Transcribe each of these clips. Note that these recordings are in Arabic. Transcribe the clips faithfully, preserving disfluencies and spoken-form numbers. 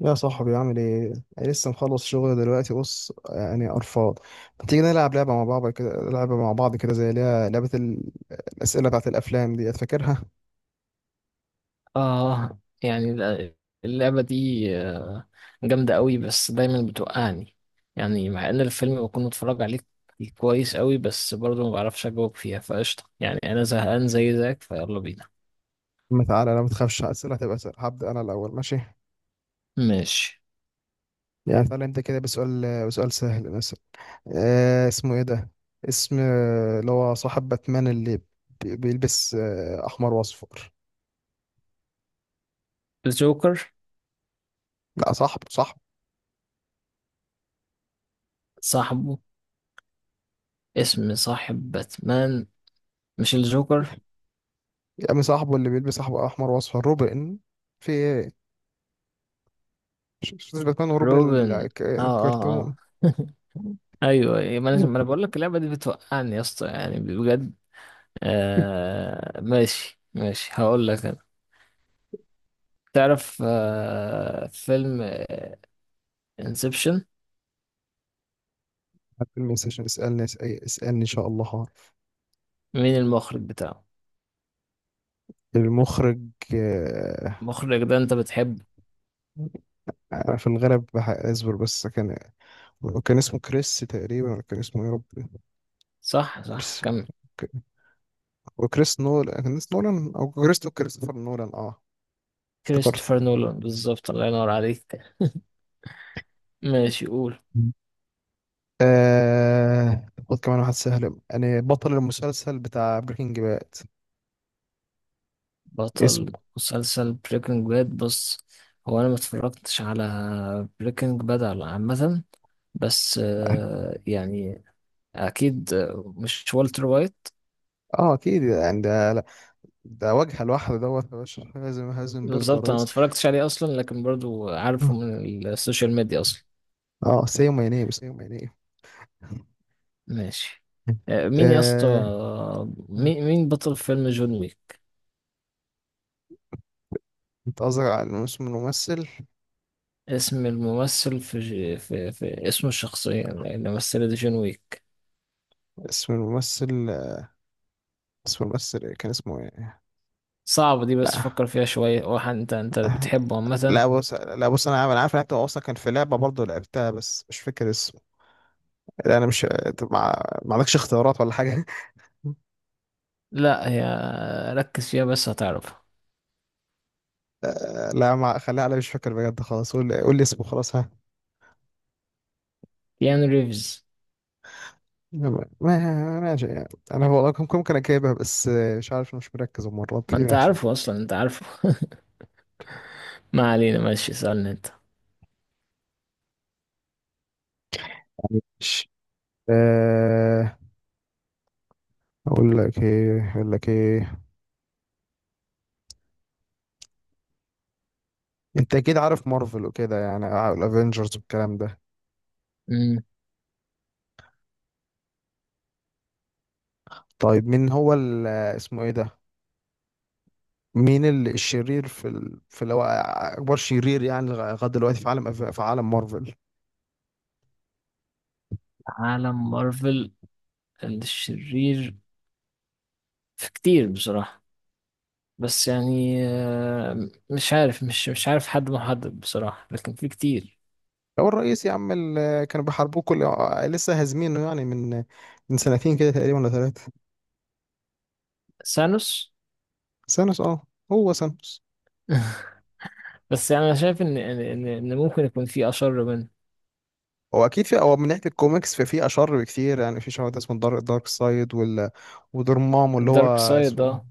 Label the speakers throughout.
Speaker 1: يا صاحبي، عامل ايه؟ أنا لسه مخلص شغل دلوقتي، بص يعني قرفان. ما تيجي نلعب لعبة مع بعض كده، لعبة مع بعض كده زي اللي هي لعبة ال- الأسئلة بتاعت الأفلام دي، فاكرها؟
Speaker 2: اه يعني، الل- اللعبة دي آه، جامدة قوي، بس دايما بتوقعني، يعني مع ان الفيلم بكون متفرج عليه كويس قوي، بس برضه ما بعرفش اجاوب فيها. فقشطة يعني انا زهقان زي زيك، فيلا بينا.
Speaker 1: ما تعالى، لا ما تخافش، الأسئلة هتبقى سهلة. هبدأ أنا الأول، ماشي؟
Speaker 2: ماشي.
Speaker 1: يعني تعالى نبدأ كده بسؤال، بسؤال سهل مثلا. آه اسمه ايه ده؟ اسم آه، اللي هو صاحب باتمان، اللي بي- بيلبس آه، أحمر وأصفر.
Speaker 2: الجوكر.
Speaker 1: لا، صاحبه صاحبه.
Speaker 2: صاحبه؟ اسم صاحب باتمان مش الجوكر.
Speaker 1: يا عم صاحبه، اللي بيلبس أحمر وأصفر، روبن. في إيه؟ شخصية باتمان وروبن، ال-
Speaker 2: روبن.
Speaker 1: الك-
Speaker 2: اه، اه،
Speaker 1: الكرتون.
Speaker 2: اه. ايوه، أيوة، ما انا ما أنا بقول لك، اللعبة دي بتوقعني يا اسطى يعني بجد. آه ماشي ماشي، هقول لك. تعرف آه، فيلم آه، انسبشن؟
Speaker 1: حد الميس عشان اسألني، اسأ- اسألني إن شاء الله هعرف.
Speaker 2: مين المخرج بتاعه؟
Speaker 1: المخرج، آه،
Speaker 2: المخرج ده انت بتحبه؟
Speaker 1: أنا في الغالب بح- أصبر، بس كان، كان اسمه كريس تقريبا، ولا كان اسمه، يا رب.
Speaker 2: صح، صح،
Speaker 1: كريس،
Speaker 2: كمل.
Speaker 1: ك- وكريس نولان، كان اسمه نولان، أو كريس، كريستوفر نولان. اه افتكرت.
Speaker 2: كريستوفر نولان بالظبط. الله ينور عليك. ماشي، قول.
Speaker 1: آه... خد كمان واحد سهل، يعني بطل المسلسل بتاع بريكنج باد. اسمه،
Speaker 2: بطل مسلسل بريكنج باد. بص، هو انا ما اتفرجتش على بريكنج باد على عامة، بس
Speaker 1: اه
Speaker 2: آه، يعني اكيد آه، مش والتر وايت؟
Speaker 1: آه، اكيد يعني ده، ده وجه لوحده، دوت يا باشا، هازم هازمبرج يا
Speaker 2: بالظبط، انا ما
Speaker 1: ريس.
Speaker 2: اتفرجتش عليه اصلا، لكن برضو عارفه من السوشيال ميديا اصلا.
Speaker 1: اه، سيما ينيب، سيما ينيب.
Speaker 2: ماشي. آه، مين يا اسطى؟
Speaker 1: آه. مم.
Speaker 2: مين مين بطل فيلم جون ويك؟
Speaker 1: انت قصدك على اسم الممثل؟
Speaker 2: اسم الممثل، في, ج... في, في اسم الشخصية اللي مثلت جون ويك.
Speaker 1: اسم الممثل، اسم الممثل إيه؟ كان اسمه ايه؟
Speaker 2: صعبة دي، بس
Speaker 1: لا.
Speaker 2: فكر فيها شوية. واحد انت انت بتحبه عامة.
Speaker 1: لا بص، لا بص، انا عارف، انا عارف إن انت اصلا كان في لعبه برضه لعبتها، بس مش فاكر اسمه. لا انا مش، طب ما ما عندكش اختيارات ولا حاجه؟
Speaker 2: لا هي، ركز فيها بس هتعرفها.
Speaker 1: آه، لا، ما خليها على مش فاكر بجد، خلاص قول لي، قول لي اسمه خلاص، ها.
Speaker 2: كيانو ريفز.
Speaker 1: ما ماشي يعني. انا والله كم- ممكن اجيبها، بس آه، مش عارف، مش مركز المره
Speaker 2: ما
Speaker 1: دي،
Speaker 2: انت
Speaker 1: ماشي.
Speaker 2: عارفه اصلا، انت عارفه. ما علينا. ماشي، سألني انت.
Speaker 1: مش آه، اقول لك ايه، اقول لك ايه انت اكيد عارف مارفل وكده، يعني آه، الافينجرز والكلام ده.
Speaker 2: مم.
Speaker 1: طيب، مين هو ال- آه، اسمه ايه ده؟ مين ال- الشرير في ال... في اللي هو اكبر شرير يعني لغايه دلوقتي في عالم، أف- في عالم مارفل؟
Speaker 2: عالم مارفل؟ الشرير. في كتير بصراحة، بس يعني آه، مش عارف مش مش عارف حد محدد بصراحة، لكن في كتير.
Speaker 1: هو الرئيس يا عم اللي كانوا بيحاربوه كل، آه، لسه هازمينه يعني من، آه، من سنتين كده تقريبا ولا ثلاثه.
Speaker 2: سانوس.
Speaker 1: سانوس، اه، هو سانوس.
Speaker 2: بس يعني انا شايف ان ان ان إن ممكن يكون في اشر منه.
Speaker 1: هو اكيد في، هو من ناحيه الكوميكس ففي اشر بكتير، يعني في شهر اسمه الدارك، دارك سايد، وال ودورمامو اللي هو
Speaker 2: الدارك سايد،
Speaker 1: اسمه،
Speaker 2: اه.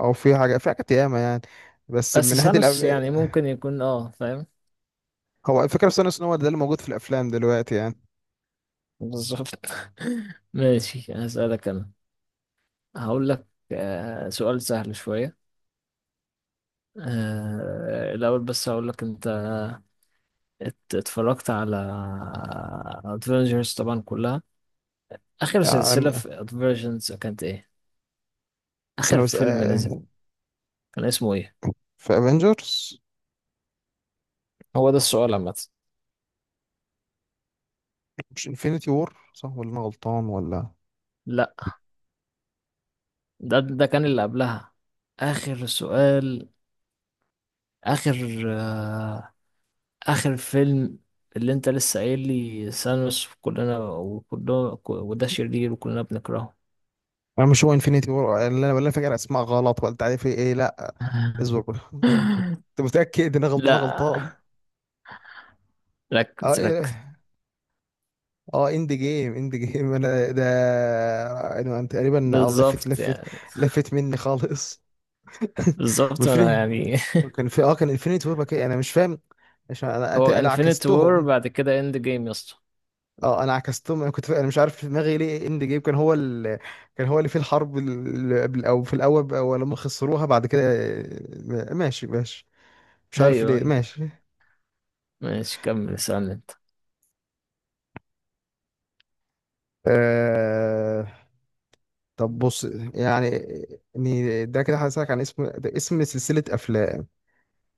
Speaker 1: او في حاجه في حاجات ياما يعني، بس
Speaker 2: بس
Speaker 1: من ناحيه
Speaker 2: سانوس
Speaker 1: الأب...
Speaker 2: يعني ممكن يكون اه فاهم.
Speaker 1: هو الفكره بس ان هو ده اللي موجود في الافلام دلوقتي يعني.
Speaker 2: بالظبط. ماشي، هسألك انا. هقول لك آه، سؤال سهل شوية، آه، الاول، بس هقول لك انت. ات- اتفرجت على ادفنجرز طبعا كلها؟ اخر سلسلة
Speaker 1: عالم-
Speaker 2: في ادفنجرز كانت ايه؟
Speaker 1: بس
Speaker 2: اخر
Speaker 1: انا بس
Speaker 2: فيلم نزل
Speaker 1: آه،
Speaker 2: كان اسمه ايه؟
Speaker 1: في افنجرز،
Speaker 2: هو ده السؤال عامة.
Speaker 1: مش انفينيتي وور، صح ولا انا غلطان ولا؟
Speaker 2: لا، ده ده كان اللي قبلها. اخر سؤال، اخر آه اخر فيلم، اللي انت لسه قايل لي ثانوس وكلنا وكلنا وده شرير وكلنا بنكرهه.
Speaker 1: انا مش، هو انفينيتي وور اللي انا، ولا فاكر اسماء غلط، ولا تعرف ايه؟ لا اصبر بقى. انت متاكد ان انا غلطان؟ أنا غلطان؟
Speaker 2: لا،
Speaker 1: اه،
Speaker 2: ركز ركز.
Speaker 1: إيه. اه، اند جيم، اند جيم انا ده، انا، أنا تقريبا، اه، لفت،
Speaker 2: بالظبط
Speaker 1: لفت
Speaker 2: يعني.
Speaker 1: لفت مني خالص.
Speaker 2: بالظبط انا
Speaker 1: والفيلم
Speaker 2: يعني.
Speaker 1: كان في، اه كان انفينيتي وور كده، انا مش فاهم. عشان انا، أت-
Speaker 2: هو
Speaker 1: انا
Speaker 2: انفينيت وور،
Speaker 1: عكستهم،
Speaker 2: بعد كده اند جيم يا اسطى.
Speaker 1: اه انا عكستهم. انا كنت فا... انا مش عارف في دماغي ليه اند جيم كان هو ال... كان هو اللي فيه الحرب، ال- قبل او في الاول بقى، ولما خسروها بعد كده، آه، ماشي ماشي، مش عارف
Speaker 2: ايوه،
Speaker 1: ليه،
Speaker 2: ايوه.
Speaker 1: ماشي.
Speaker 2: ماشي، كمل اسألني انت.
Speaker 1: آه... طب بص، يعني، إني- ده كده هسألك عن اسم، ده اسم سلسلة افلام.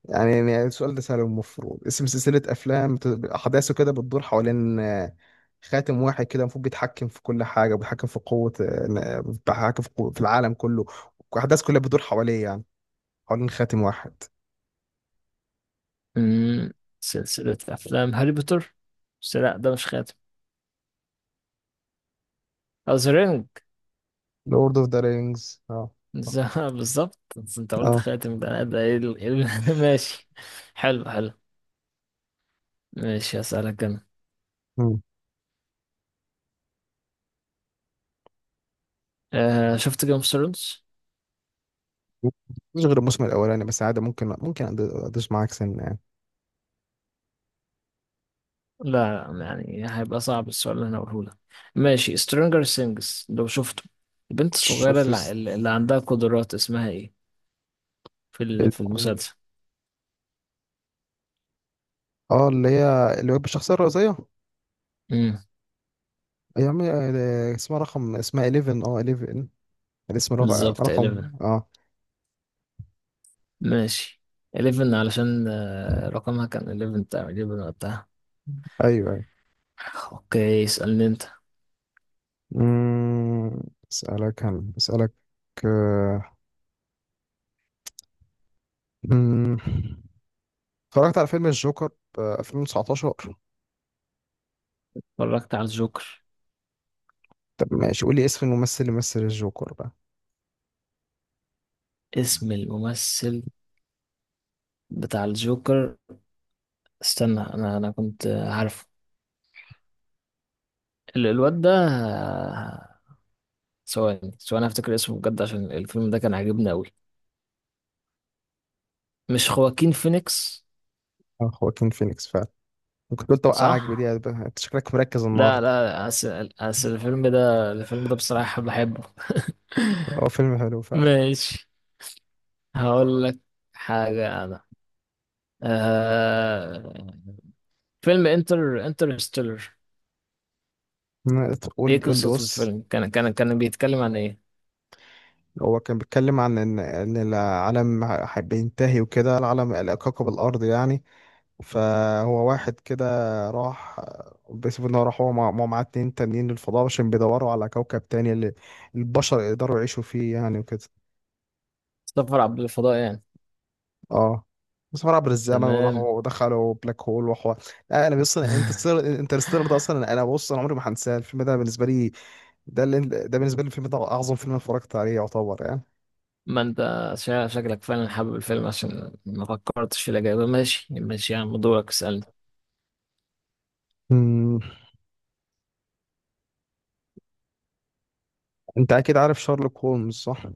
Speaker 1: يعني يعني السؤال ده سهل، المفروض اسم سلسلة أفلام بت- أحداثه كده بتدور حوالين، آه، خاتم واحد كده، المفروض بيتحكم في كل حاجة، وبيتحكم في قوة، آه، بيتحكم في قوة في العالم كله، وأحداث كلها بتدور حواليه يعني، حوالين خاتم واحد.
Speaker 2: أمم، سلسلة افلام هاري بوتر. بس لا، ده مش خاتم. او سرنج.
Speaker 1: لورد اوف ذا رينجز، اه، اه.
Speaker 2: بالظبط، بس انت قلت
Speaker 1: آه.
Speaker 2: خاتم. ده ده ايه ال- إيه ال- ماشي. حلو حلو. ماشي، هسألك انا.
Speaker 1: مم.
Speaker 2: آه شفت جيم اوف ثرونز؟
Speaker 1: مش غير الموسم الأولاني، بس عادي، ممكن، ممكن أد- أدوس معاك سنة يعني.
Speaker 2: لا يعني هيبقى صعب السؤال اللي انا هقوله لك. ماشي. سترينجر سينجز لو شفته، البنت الصغيرة
Speaker 1: شفت
Speaker 2: اللي, ع-
Speaker 1: الس-
Speaker 2: اللي عندها قدرات اسمها ايه في ال- في
Speaker 1: ال-
Speaker 2: المسلسل؟
Speaker 1: اه اللي هي، اللي هو بالشخصية الرئيسية،
Speaker 2: امم
Speaker 1: أيام، آه، اسمها رقم، اسمها احداشر اه احداشر. الاسم رق-
Speaker 2: بالظبط.
Speaker 1: رقم،
Speaker 2: حداشر.
Speaker 1: اه.
Speaker 2: ماشي. حداشر علشان آه، رقمها كان حداشر، بتاع حداشر وقتها.
Speaker 1: ايوه ايوه.
Speaker 2: اوكي، اسألني انت.
Speaker 1: مم، اسالك، هن اسالك، آه، مم، اتفرجت على فيلم الجوكر في ألفين وتسعة عشر؟
Speaker 2: اتفرجت على الجوكر.
Speaker 1: طب ماشي، قول لي اسم الممثل اللي مثل الجوكر بقى.
Speaker 2: اسم الممثل بتاع الجوكر. استنى، انا انا كنت عارف ال- الواد ده. ثواني ثواني، افتكر اسمه بجد، عشان الفيلم ده كان عاجبني قوي. مش خواكين فينيكس؟
Speaker 1: آه، خواكين فينيكس، فعلا. ممكن تقول توقعك
Speaker 2: صح.
Speaker 1: بدي بقى، انت شكلك مركز
Speaker 2: لا
Speaker 1: النهارده.
Speaker 2: لا، أصل أصل الفيلم ده الفيلم ده بصراحة بحبه.
Speaker 1: هو فيلم حلو فعلا.
Speaker 2: ماشي، هقول لك حاجة أنا. آه... فيلم انتر انترستيلر.
Speaker 1: مم، قول لي،
Speaker 2: ايه
Speaker 1: قول لي
Speaker 2: قصة
Speaker 1: بص.
Speaker 2: الفيلم؟ كان كان كان بيتكلم عن ايه؟
Speaker 1: هو كان بيتكلم عن ان، ان العالم ه- بينتهي وكده، العالم، كوكب الارض يعني، فهو واحد كده راح، بيسبب ان هو راح، هو مع- مع معاه اتنين تانيين للفضاء، عشان بيدوروا على كوكب تاني اللي البشر يقدروا يعيشوا فيه يعني، وكده.
Speaker 2: سفر عبر الفضاء يعني؟
Speaker 1: اه، بس هو عبر الزمن،
Speaker 2: تمام.
Speaker 1: وراحوا ودخلوا بلاك هول وحوار. لا انا بص، انا انترستيلر، انترستيلر ده اصلا، انا بص، انا عمري ما هنساه، الفيلم ده بالنسبه لي، ده اللي ده بالنسبه لي، الفيلم ده اعظم فيلم أنا اتفرجت عليه يعتبر يعني.
Speaker 2: ما انت شا- شكلك فعلا حابب الفيلم، عشان ما فكرتش في الإجابة. ماشي ماشي، يا عم دورك اسألني.
Speaker 1: أمم، انت اكيد عارف شارلوك هولمز، صح؟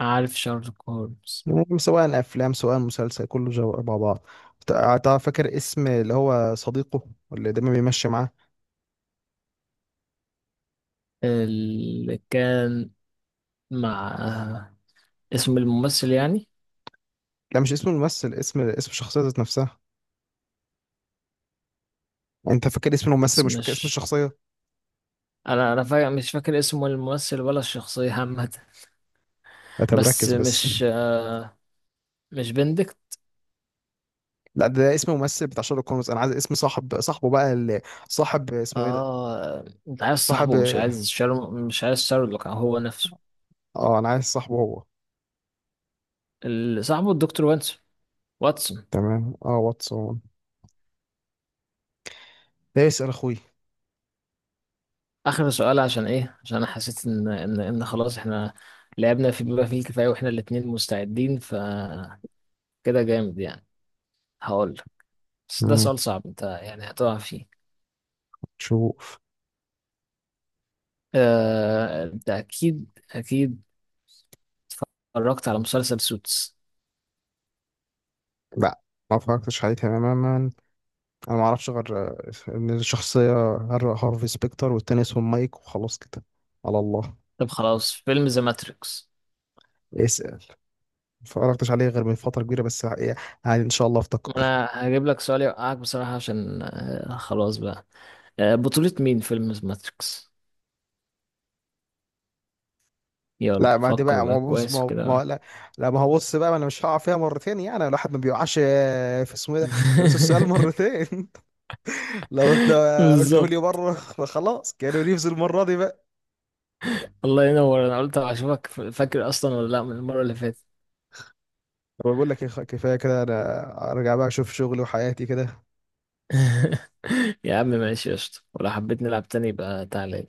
Speaker 2: عارف شارلوك هولمز.
Speaker 1: يعني سواء افلام سواء مسلسل، كله جو مع بعض. تع- تع- فاكر اسم اللي هو صديقه، اللي دايما بيمشي معاه؟
Speaker 2: اللي كان مع، اسم الممثل يعني؟
Speaker 1: لا، مش اسم الممثل، اسم، اسم الشخصيه ذات نفسها. انت فاكر اسم الممثل،
Speaker 2: بس
Speaker 1: مش فاكر اسم
Speaker 2: مش،
Speaker 1: الشخصيه.
Speaker 2: انا انا فا... مش فاكر اسم الممثل ولا الشخصية عامة.
Speaker 1: لا طب
Speaker 2: بس
Speaker 1: ركز بس.
Speaker 2: مش مش بندكت؟
Speaker 1: لا، ده اسم ممثل بتاع شارلوك هولمز، انا عايز اسم صاحب، صاحبه بقى اللي صاحب اسمه ايه ده،
Speaker 2: اه، انت عايز
Speaker 1: صاحب،
Speaker 2: صاحبه، مش عايز شارل مش عايز شارلوك هو نفسه.
Speaker 1: اه انا عايز صاحبه هو.
Speaker 2: اللي صاحبه الدكتور واتسون. واتسون.
Speaker 1: تمام، اه، واتسون. ده يسأل اخوي.
Speaker 2: اخر سؤال عشان ايه؟ عشان انا حسيت ان ان ان خلاص احنا لعبنا في بما فيه الكفايه، واحنا الاتنين مستعدين فكده. جامد يعني. هقول لك، بس ده
Speaker 1: مم.
Speaker 2: سؤال صعب، انت يعني هتقع فيه.
Speaker 1: شوف.
Speaker 2: آه، انت اكيد اكيد اتفرجت على مسلسل سوتس؟
Speaker 1: لا، ما فكرتش عليه تماما. انا ما اعرفش غير، آه، ان الشخصيه، هر- هارفي سبيكتر، والتاني اسمه مايك، وخلاص كده، على الله.
Speaker 2: طب خلاص، فيلم ذا ماتريكس.
Speaker 1: اس ما اتفرجتش عليه غير من فتره كبيره، بس يعني، يعني ان شاء الله افتكر.
Speaker 2: انا هجيب لك سؤال يوقعك بصراحه، عشان آه، خلاص بقى. آه، بطوله مين فيلم ذا ماتريكس؟
Speaker 1: لا،
Speaker 2: يلا
Speaker 1: ما دي
Speaker 2: فكر
Speaker 1: بقى، ما
Speaker 2: بقى
Speaker 1: هو بص، ما
Speaker 2: كويس
Speaker 1: هو
Speaker 2: وكده
Speaker 1: ما هو-
Speaker 2: بقى.
Speaker 1: لا، لا ما هو بص بقى، ما انا مش هقع فيها مرتين، يعني الواحد ما بيوقعش، آه، في اسمه ايه ده في نفس السؤال مرتين. لو انت قلته لي
Speaker 2: بالظبط.
Speaker 1: مره، خلاص كانوا ريفز المره دي بقى.
Speaker 2: الله ينور. انا قلت اشوفك فاكر اصلا ولا لا من المره اللي فاتت.
Speaker 1: طب بقول لك إيه، خ- كفايه كده، انا ارجع بقى اشوف شغلي وحياتي كده.
Speaker 2: يا عم ماشي، قشطة، ولو حبيت نلعب تاني يبقى تعالى.